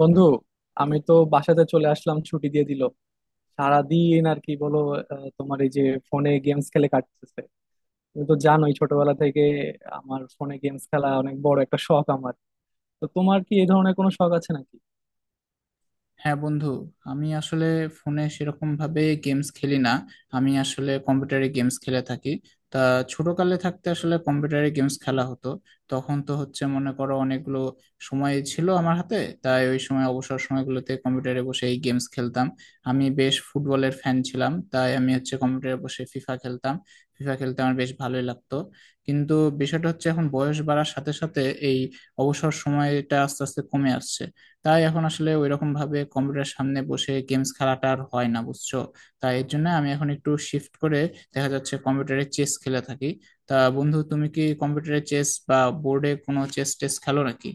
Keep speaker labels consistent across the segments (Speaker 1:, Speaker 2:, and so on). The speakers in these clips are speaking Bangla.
Speaker 1: বন্ধু, আমি তো বাসাতে চলে আসলাম, ছুটি দিয়ে দিল সারাদিন আর কি বলো। তোমার এই যে ফোনে গেমস খেলে কাটতেছে। তুমি তো জানোই ছোটবেলা থেকে আমার ফোনে গেমস খেলা অনেক বড় একটা শখ আমার। তো তোমার কি এই ধরনের কোনো শখ আছে নাকি?
Speaker 2: হ্যাঁ বন্ধু, আমি আসলে ফোনে সেরকম ভাবে গেমস খেলি না। আমি আসলে কম্পিউটারে গেমস খেলে থাকি। তা ছোটকালে থাকতে আসলে কম্পিউটারে গেমস খেলা হতো। তখন তো হচ্ছে মনে করো অনেকগুলো সময় ছিল আমার হাতে, তাই ওই সময় অবসর সময়গুলোতে কম্পিউটারে বসে এই গেমস খেলতাম। আমি বেশ ফুটবলের ফ্যান ছিলাম, তাই আমি হচ্ছে কম্পিউটারে বসে ফিফা খেলতাম। ফিফা খেলতে আমার বেশ ভালোই লাগতো। কিন্তু বিষয়টা হচ্ছে এখন বয়স বাড়ার সাথে সাথে এই অবসর সময়টা আস্তে আস্তে কমে আসছে। তাই এখন আসলে ওইরকম ভাবে কম্পিউটার সামনে বসে গেমস খেলাটা আর হয় না বুঝছো। তাই এর জন্য আমি এখন একটু শিফট করে দেখা যাচ্ছে কম্পিউটারে চেস খেলে থাকি। তা বন্ধু, তুমি কি কম্পিউটারে চেস বা বোর্ডে কোনো চেস টেস খেলো নাকি?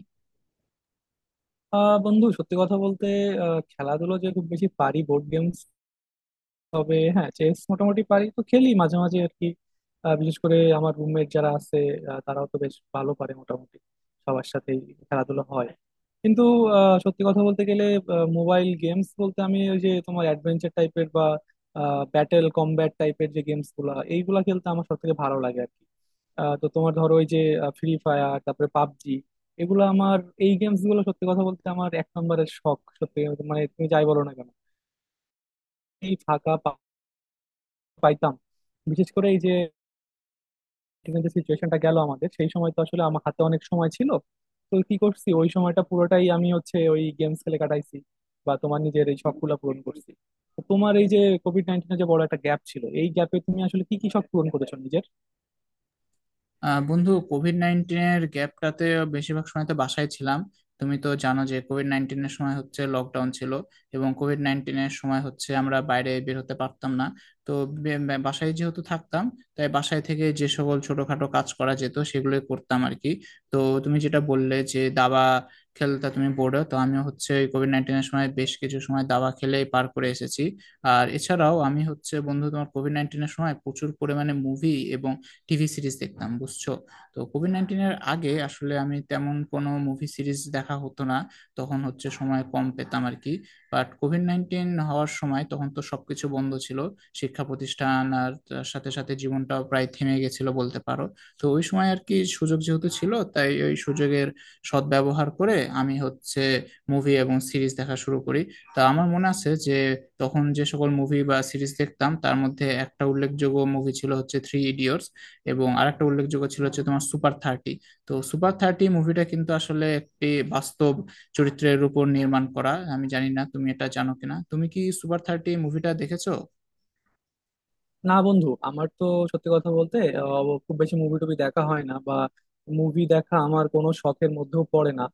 Speaker 1: বন্ধু, সত্যি কথা বলতে খেলাধুলো যে খুব বেশি পারি বোর্ড গেমস। তবে হ্যাঁ, চেস মোটামুটি পারি, তো খেলি মাঝে মাঝে আর কি। বিশেষ করে আমার রুমমেট যারা আছে, তারাও তো বেশ ভালো পারে মোটামুটি, সবার সাথেই খেলাধুলা হয়। কিন্তু সত্যি কথা বলতে গেলে মোবাইল গেমস বলতে আমি ওই যে তোমার অ্যাডভেঞ্চার টাইপের বা ব্যাটেল কমব্যাট টাইপের যে গেমস গুলা, এইগুলা খেলতে আমার সব থেকে ভালো লাগে আর কি। তো তোমার ধরো ওই যে ফ্রি ফায়ার, তারপরে পাবজি, এগুলো আমার, এই গেমস গুলো সত্যি কথা বলতে আমার এক নম্বরের শখ সত্যি কথা বলতে। মানে তুমি যাই বলো না কেন এই ফাঁকা পাইতাম, বিশেষ করে এই যে এখানে যে সিচুয়েশনটা গেল আমাদের, সেই সময় তো আসলে আমার হাতে অনেক সময় ছিল। তো কি করছি, ওই সময়টা পুরোটাই আমি হচ্ছে ওই গেমস খেলে কাটাইছি, বা তোমার নিজের এই শখগুলা পূরণ করছি। তো তোমার এই যে কোভিড নাইন্টিনের যে বড় একটা গ্যাপ ছিল, এই গ্যাপে তুমি আসলে কি কি শখ পূরণ করেছো নিজের?
Speaker 2: আহ বন্ধু, কোভিড নাইন্টিনের গ্যাপটাতে বেশিরভাগ সময় তো বাসায় ছিলাম। তুমি তো জানো যে কোভিড নাইন্টিনের সময় হচ্ছে লকডাউন ছিল, এবং কোভিড নাইন্টিনের সময় হচ্ছে আমরা বাইরে বের হতে পারতাম না। তো বে- বে- বাসায় যেহেতু থাকতাম, তাই বাসায় থেকে যে সকল ছোটখাটো কাজ করা যেত সেগুলোই করতাম আর কি। তো তুমি যেটা বললে যে দাবা খেলতা তুমি বোর্ডে, তো আমিও হচ্ছে ওই কোভিড নাইন্টিনের সময় বেশ কিছু সময় দাবা খেলেই পার করে এসেছি। আর এছাড়াও আমি হচ্ছে বন্ধু তোমার কোভিড নাইন্টিনের সময় প্রচুর পরিমাণে মুভি এবং টিভি সিরিজ দেখতাম বুঝছো। তো কোভিড নাইন্টিনের আগে আসলে আমি তেমন কোনো মুভি সিরিজ দেখা হতো না, তখন হচ্ছে সময় কম পেতাম আর কি। বাট কোভিড নাইন্টিন হওয়ার সময় তখন তো সবকিছু বন্ধ ছিল, শিক্ষা প্রতিষ্ঠান আর তার সাথে সাথে জীবনটাও প্রায় থেমে গেছিল বলতে পারো। তো ওই সময় আর কি সুযোগ যেহেতু ছিল, তাই ওই সুযোগের সদ্ব্যবহার করে আমি হচ্ছে মুভি এবং সিরিজ দেখা শুরু করি। তা আমার মনে আছে যে তখন যে সকল মুভি বা সিরিজ দেখতাম তার মধ্যে একটা উল্লেখযোগ্য মুভি ছিল হচ্ছে থ্রি ইডিয়টস, এবং আরেকটা উল্লেখযোগ্য ছিল হচ্ছে তোমার সুপার থার্টি। তো সুপার থার্টি মুভিটা কিন্তু আসলে একটি বাস্তব চরিত্রের উপর নির্মাণ করা। আমি জানি না তুমি এটা জানো কিনা, তুমি কি সুপার থার্টি মুভিটা দেখেছো?
Speaker 1: না বন্ধু, আমার তো সত্যি কথা বলতে খুব বেশি মুভি টুভি দেখা হয় না, বা মুভি দেখা আমার কোনো শখের মধ্যেও পড়ে না।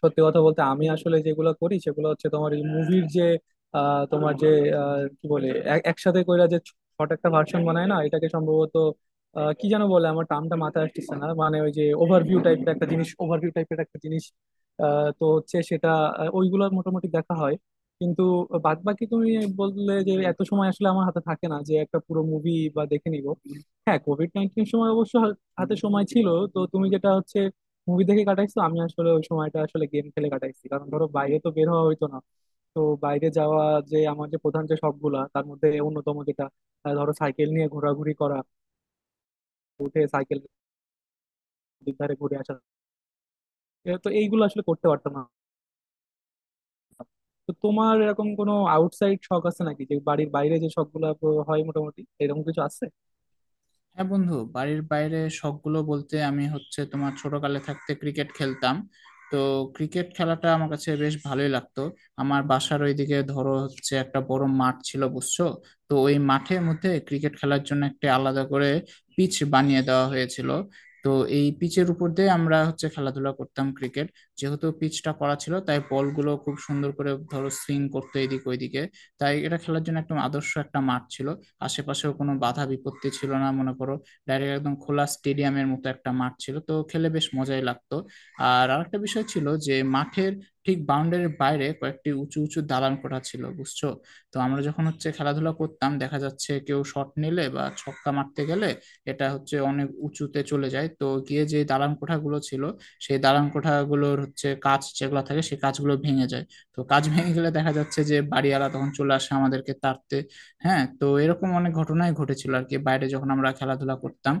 Speaker 1: সত্যি কথা বলতে আমি আসলে যেগুলো করি সেগুলো হচ্ছে তোমার এই মুভির যে, আহ, তোমার যে আহ, কি বলে একসাথে কইরা যে ছোট একটা ভার্সন বানায় না এটাকে, সম্ভবত কি যেন বলে, আমার টার্মটা মাথায় আসতেছে না, মানে ওই যে ওভারভিউ টাইপের একটা জিনিস, ওভারভিউ টাইপের একটা জিনিস। তো হচ্ছে সেটা ওইগুলো মোটামুটি দেখা হয়। কিন্তু বাদ বাকি তুমি বললে যে এত সময় আসলে আমার হাতে থাকে না যে একটা পুরো মুভি বা দেখে নিব। হ্যাঁ, কোভিড নাইন্টিন সময় অবশ্য হাতে সময় ছিল। তো তুমি যেটা হচ্ছে মুভি দেখে কাটাইছো, আমি আসলে ওই সময়টা আসলে গেম খেলে কাটাইছি, কারণ ধরো বাইরে তো বের হওয়া হইতো না। তো বাইরে যাওয়া, যে আমার যে প্রধান যে শখগুলা তার মধ্যে অন্যতম যেটা, ধরো সাইকেল নিয়ে ঘোরাঘুরি করা, উঠে সাইকেল দুধারে ঘুরে আসা, এ তো এইগুলো আসলে করতে পারতাম না। তো তোমার এরকম কোনো আউটসাইড শখ আছে নাকি, যে বাড়ির বাইরে যে শখ গুলা হয় মোটামুটি এরকম কিছু আছে?
Speaker 2: হ্যাঁ বন্ধু, বাড়ির বাইরে শখগুলো বলতে আমি হচ্ছে তোমার ছোটকালে থাকতে ক্রিকেট খেলতাম। তো ক্রিকেট খেলাটা আমার কাছে বেশ ভালোই লাগতো। আমার বাসার ওইদিকে ধরো হচ্ছে একটা বড় মাঠ ছিল বুঝছো। তো ওই মাঠের মধ্যে ক্রিকেট খেলার জন্য একটা আলাদা করে পিচ বানিয়ে দেওয়া হয়েছিল। তো এই পিচের উপর দিয়ে আমরা হচ্ছে খেলাধুলা করতাম ক্রিকেট। যেহেতু পিচটা করা ছিল তাই বলগুলো খুব সুন্দর করে ধরো সুইং করতো এদিক ওইদিকে। তাই এটা খেলার জন্য একদম আদর্শ একটা মাঠ ছিল, আশেপাশেও কোনো বাধা বিপত্তি ছিল না মনে করো। ডাইরেক্ট একদম খোলা স্টেডিয়ামের মতো একটা মাঠ ছিল, তো খেলে বেশ মজাই লাগতো। আর আরেকটা বিষয় ছিল যে মাঠের ঠিক বাউন্ডারির বাইরে কয়েকটি উঁচু উঁচু দালান কোঠা ছিল বুঝছো। তো আমরা যখন হচ্ছে খেলাধুলা করতাম দেখা যাচ্ছে কেউ শট নিলে বা ছক্কা মারতে গেলে এটা হচ্ছে অনেক উঁচুতে চলে যায়, তো গিয়ে যে দালান কোঠাগুলো ছিল সেই দালান কোঠাগুলোর হচ্ছে কাঁচ যেগুলো থাকে সেই কাঁচগুলো ভেঙে যায়। তো কাঁচ ভেঙে গেলে দেখা যাচ্ছে যে বাড়িওয়ালা তখন চলে আসে আমাদেরকে তাড়তে। হ্যাঁ, তো এরকম অনেক ঘটনাই ঘটেছিল আর কি বাইরে যখন আমরা খেলাধুলা করতাম।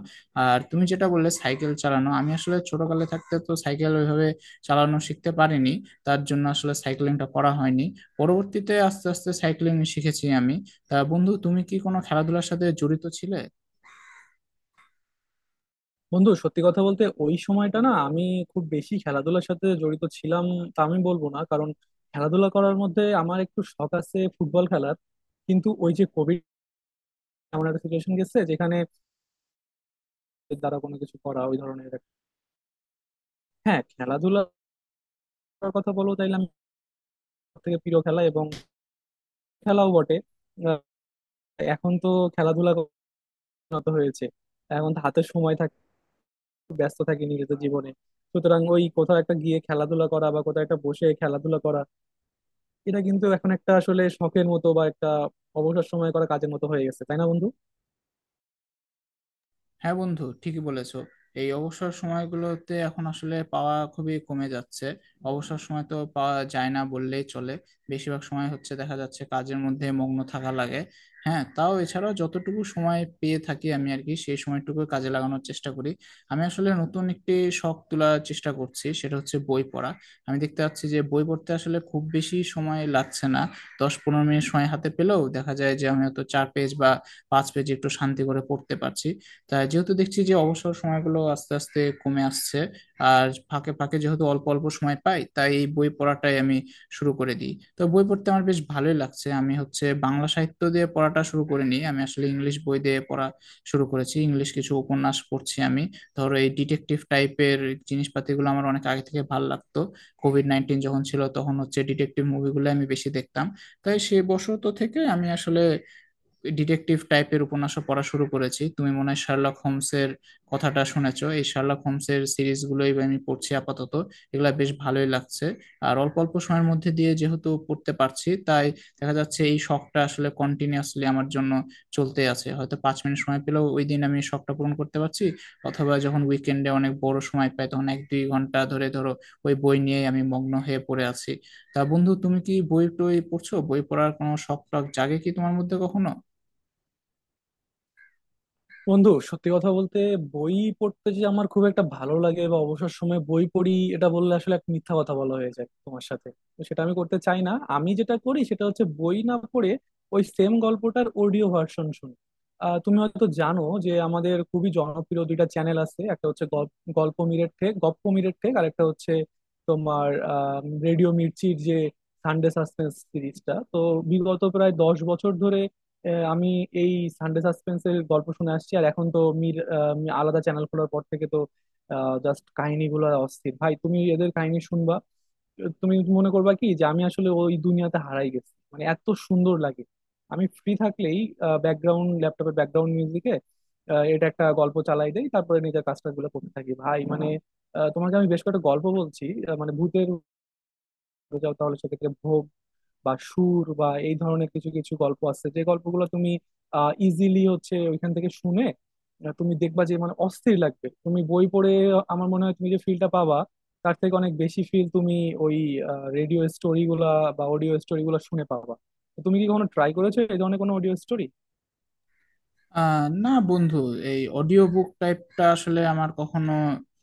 Speaker 2: আর তুমি যেটা বললে সাইকেল চালানো, আমি আসলে ছোটকালে থাকতে তো সাইকেল ওইভাবে চালানো শিখতে পারিনি। তার জন্য আসলে সাইক্লিংটা করা হয়নি। পরবর্তীতে আস্তে আস্তে সাইক্লিং শিখেছি আমি। তা বন্ধু, তুমি কি কোনো খেলাধুলার সাথে জড়িত ছিলে?
Speaker 1: বন্ধু, সত্যি কথা বলতে ওই সময়টা না আমি খুব বেশি খেলাধুলার সাথে জড়িত ছিলাম তা আমি বলবো না, কারণ খেলাধুলা করার মধ্যে আমার একটু শখ আছে ফুটবল খেলার। কিন্তু ওই যে কোভিড এমন একটা সিচুয়েশন গেছে যেখানে দ্বারা কোনো কিছু করা ওই ধরনের হ্যাঁ, খেলাধুলার কথা বলবো তাইলে আমি থেকে প্রিয় খেলা এবং খেলাও বটে। আহ, এখন তো খেলাধুলা উন্নত হয়েছে, এখন তো হাতে সময় থাকে, ব্যস্ত থাকি নিজেদের জীবনে। সুতরাং ওই কোথাও একটা গিয়ে খেলাধুলা করা বা কোথাও একটা বসে খেলাধুলা করা, এটা কিন্তু এখন একটা আসলে শখের মতো বা একটা অবসর সময় করা কাজের মতো হয়ে গেছে, তাই না বন্ধু?
Speaker 2: হ্যাঁ বন্ধু, ঠিকই বলেছো। এই অবসর সময়গুলোতে এখন আসলে পাওয়া খুবই কমে যাচ্ছে। অবসর সময় তো পাওয়া যায় না বললেই চলে। বেশিরভাগ সময় হচ্ছে দেখা যাচ্ছে কাজের মধ্যে মগ্ন থাকা লাগে। হ্যাঁ, তাও এছাড়াও যতটুকু সময় পেয়ে থাকি আমি আর কি সেই সময়টুকু কাজে লাগানোর চেষ্টা করি। আমি আসলে নতুন একটি শখ তোলার চেষ্টা করছি, সেটা হচ্ছে বই পড়া। আমি দেখতে পাচ্ছি যে বই পড়তে আসলে খুব বেশি সময় লাগছে না। 10-15 মিনিট সময় হাতে পেলেও দেখা যায় যে আমি হয়তো 4 পেজ বা 5 পেজ একটু শান্তি করে পড়তে পারছি। তাই যেহেতু দেখছি যে অবসর সময়গুলো আস্তে আস্তে কমে আসছে আর ফাঁকে ফাঁকে যেহেতু অল্প অল্প সময় পাই, তাই এই বই পড়াটাই আমি শুরু করে দিই। তো বই পড়তে আমার বেশ ভালোই লাগছে। আমি হচ্ছে বাংলা সাহিত্য দিয়ে পড়াটা শুরু করিনি, আমি আসলে ইংলিশ বই দিয়ে পড়া শুরু করেছি। ইংলিশ কিছু উপন্যাস পড়ছি আমি, ধরো এই ডিটেকটিভ টাইপের জিনিসপাতিগুলো আমার অনেক আগে থেকে ভালো লাগতো। কোভিড নাইন্টিন যখন ছিল তখন হচ্ছে ডিটেকটিভ মুভিগুলো আমি বেশি দেখতাম। তাই সেই বশত থেকে আমি আসলে ডিটেকটিভ টাইপের উপন্যাসও পড়া শুরু করেছি। তুমি মনে হয় শার্লক হোমসের কথাটা শুনেছো, এই শার্লক হোমসের সিরিজগুলোই আমি পড়ছি আপাতত। এগুলা বেশ ভালোই লাগছে। আর অল্প অল্প সময়ের মধ্যে দিয়ে যেহেতু পড়তে পারছি, তাই দেখা যাচ্ছে এই শখটা আসলে কন্টিনিউয়াসলি আমার জন্য চলতে আছে। হয়তো 5 মিনিট সময় পেলেও ওই দিন আমি শখটা পূরণ করতে পারছি, অথবা যখন উইকেন্ডে অনেক বড় সময় পাই তখন 1-2 ঘন্টা ধরে ধরো ওই বই নিয়েই আমি মগ্ন হয়ে পড়ে আছি। তা বন্ধু, তুমি কি বই টই পড়ছো? বই পড়ার কোনো শখ টখ জাগে কি তোমার মধ্যে কখনো?
Speaker 1: বন্ধু, সত্যি কথা বলতে বই পড়তে যে আমার খুব একটা ভালো লাগে বা অবসর সময় বই পড়ি, এটা বললে আসলে এক মিথ্যা কথা বলা হয়ে যায় তোমার সাথে। তো সেটা আমি করতে চাই না। আমি যেটা করি সেটা হচ্ছে বই না পড়ে ওই সেম গল্পটার অডিও ভার্সন শুনি। তুমি হয়তো জানো যে আমাদের খুবই জনপ্রিয় দুইটা চ্যানেল আছে, একটা হচ্ছে গল্প মিরেট ঠেক, গপ্প মিরেট ঠেক, আর একটা হচ্ছে তোমার রেডিও মির্চির যে সানডে সাসপেন্স সিরিজটা। তো বিগত প্রায় 10 বছর ধরে আমি এই সানডে সাসপেন্সের গল্প শুনে আসছি। আর এখন তো আলাদা চ্যানেল খোলার পর থেকে তো জাস্ট কাহিনীগুলো অস্থির ভাই, তুমি এদের কাহিনী শুনবা। তুমি মনে করবা কি যে আমি আসলে ওই দুনিয়াতে হারাই গেছি, মানে এত সুন্দর লাগে। আমি ফ্রি থাকলেই ব্যাকগ্রাউন্ড, ল্যাপটপের ব্যাকগ্রাউন্ড মিউজিকে এটা একটা গল্প চালাই দেই, তারপরে নিজের কাজটাগুলো করতে থাকি ভাই। মানে তোমাকে আমি বেশ কয়েকটা গল্প বলছি, মানে ভূতের। যাও তাহলে সেক্ষেত্রে ভোগ বা সুর বা এই ধরনের কিছু কিছু গল্প আছে, যে গল্পগুলো তুমি ইজিলি হচ্ছে ওইখান থেকে শুনে তুমি দেখবা যে, মানে অস্থির লাগবে। তুমি বই পড়ে আমার মনে হয় তুমি যে ফিলটা পাবা, তার থেকে অনেক বেশি ফিল তুমি ওই রেডিও স্টোরিগুলা বা অডিও স্টোরিগুলা শুনে পাবা। তো তুমি কি কখনো ট্রাই করেছো এই ধরনের কোনো অডিও স্টোরি?
Speaker 2: আহ না বন্ধু, এই অডিও বুক টাইপটা আসলে আমার কখনো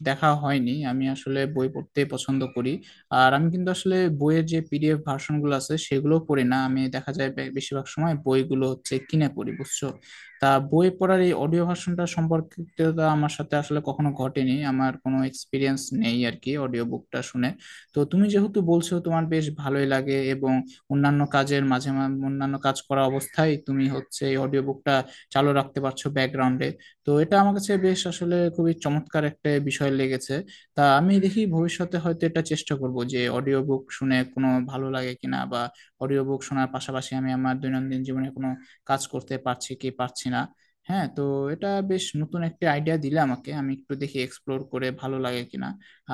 Speaker 2: দেখা হয়নি। আমি আসলে বই পড়তে পছন্দ করি। আর আমি কিন্তু আসলে বইয়ের যে পিডিএফ ভার্সন গুলো আছে সেগুলো পড়ি না, আমি দেখা যায় বেশিরভাগ সময় বইগুলো হচ্ছে কিনে পড়ি বুঝছো। তা বই পড়ার এই অডিও ভার্সনটা সম্পর্কিতটা আমার সাথে আসলে কখনো ঘটেনি, আমার কোনো এক্সপিরিয়েন্স নেই আর কি অডিও বুকটা শুনে। তো তুমি যেহেতু বলছো তোমার বেশ ভালোই লাগে এবং অন্যান্য কাজের মাঝে অন্যান্য কাজ করা অবস্থায় তুমি হচ্ছে এই অডিও বুকটা চালু রাখতে পারছো ব্যাকগ্রাউন্ডে, তো এটা আমার কাছে বেশ আসলে খুবই চমৎকার একটা বিষয় লেগেছে। তা আমি দেখি ভবিষ্যতে হয়তো এটা চেষ্টা করব যে অডিও বুক শুনে কোনো ভালো লাগে কিনা, বা অডিও বুক শোনার পাশাপাশি আমি আমার দৈনন্দিন জীবনে কোনো কাজ করতে পারছি কি পারছি না। হ্যাঁ, তো এটা বেশ নতুন একটা আইডিয়া দিলে আমাকে, আমি একটু দেখি এক্সপ্লোর করে ভালো লাগে কিনা।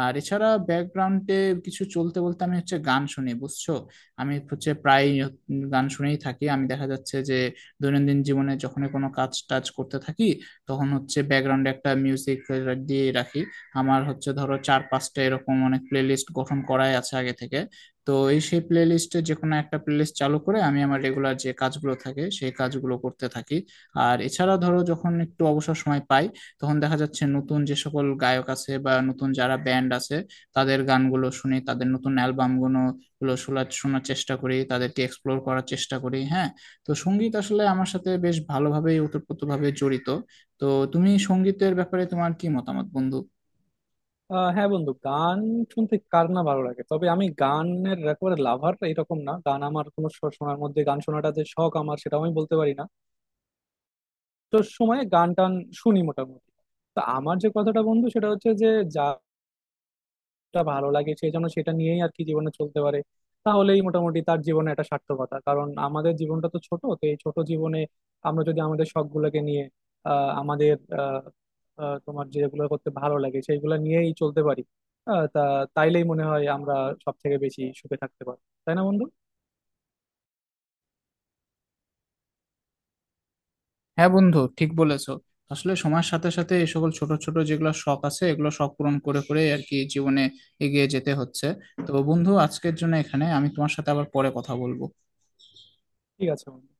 Speaker 2: আর এছাড়া ব্যাকগ্রাউন্ডে কিছু চলতে বলতে আমি হচ্ছে গান শুনি বুঝছো। আমি হচ্ছে প্রায় গান শুনেই থাকি। আমি দেখা যাচ্ছে যে দৈনন্দিন জীবনে যখন কোনো কাজ টাজ করতে থাকি তখন হচ্ছে ব্যাকগ্রাউন্ডে একটা মিউজিক দিয়ে রাখি। আমার হচ্ছে ধরো চার পাঁচটা এরকম অনেক প্লেলিস্ট গঠন করাই আছে আগে থেকে। তো এই সেই প্লেলিস্টে যে কোনো একটা প্লেলিস্ট চালু করে আমি আমার রেগুলার যে কাজগুলো থাকে সেই কাজগুলো করতে থাকি। আর এছাড়া ধরো যখন একটু অবসর সময় পাই তখন দেখা যাচ্ছে নতুন যে সকল গায়ক আছে বা নতুন যারা ব্যান্ড আছে তাদের গানগুলো শুনি, তাদের নতুন অ্যালবামগুলো শোনার শোনার চেষ্টা করি, তাদেরকে এক্সপ্লোর করার চেষ্টা করি। হ্যাঁ, তো সঙ্গীত আসলে আমার সাথে বেশ ভালোভাবেই ওতপ্রোতভাবে জড়িত। তো তুমি সঙ্গীতের ব্যাপারে তোমার কি মতামত বন্ধু?
Speaker 1: হ্যাঁ বন্ধু, গান শুনতে কার না ভালো লাগে, তবে আমি গানের একেবারে লাভার এরকম না, গান আমার কোনো শোনার মধ্যে, গান শোনাটা যে শখ আমার সেটাও আমি বলতে পারি না। সময়ে গান টান শুনি মোটামুটি। তো আমার যে কথাটা বন্ধু সেটা হচ্ছে যে, যাটা ভালো লাগে সে যেন সেটা নিয়েই আর কি জীবনে চলতে পারে, তাহলেই মোটামুটি তার জীবনে একটা সার্থকতা। কারণ আমাদের জীবনটা তো ছোট, তো এই ছোট জীবনে আমরা যদি আমাদের শখ গুলোকে নিয়ে, আহ আমাদের আহ আহ, তোমার যেগুলো করতে ভালো লাগে সেইগুলো নিয়েই চলতে পারি, আহ তা তাইলেই মনে হয় আমরা সব থেকে বেশি সুখে থাকতে পারি, তাই না বন্ধু?
Speaker 2: হ্যাঁ বন্ধু, ঠিক বলেছো। আসলে সময়ের সাথে সাথে এই সকল ছোট ছোট যেগুলো শখ আছে এগুলো শখ পূরণ করে করে আর কি জীবনে এগিয়ে যেতে হচ্ছে। তো বন্ধু, আজকের জন্য এখানে আমি, তোমার সাথে আবার পরে কথা বলবো।
Speaker 1: ঠিক আছে বন্ধু।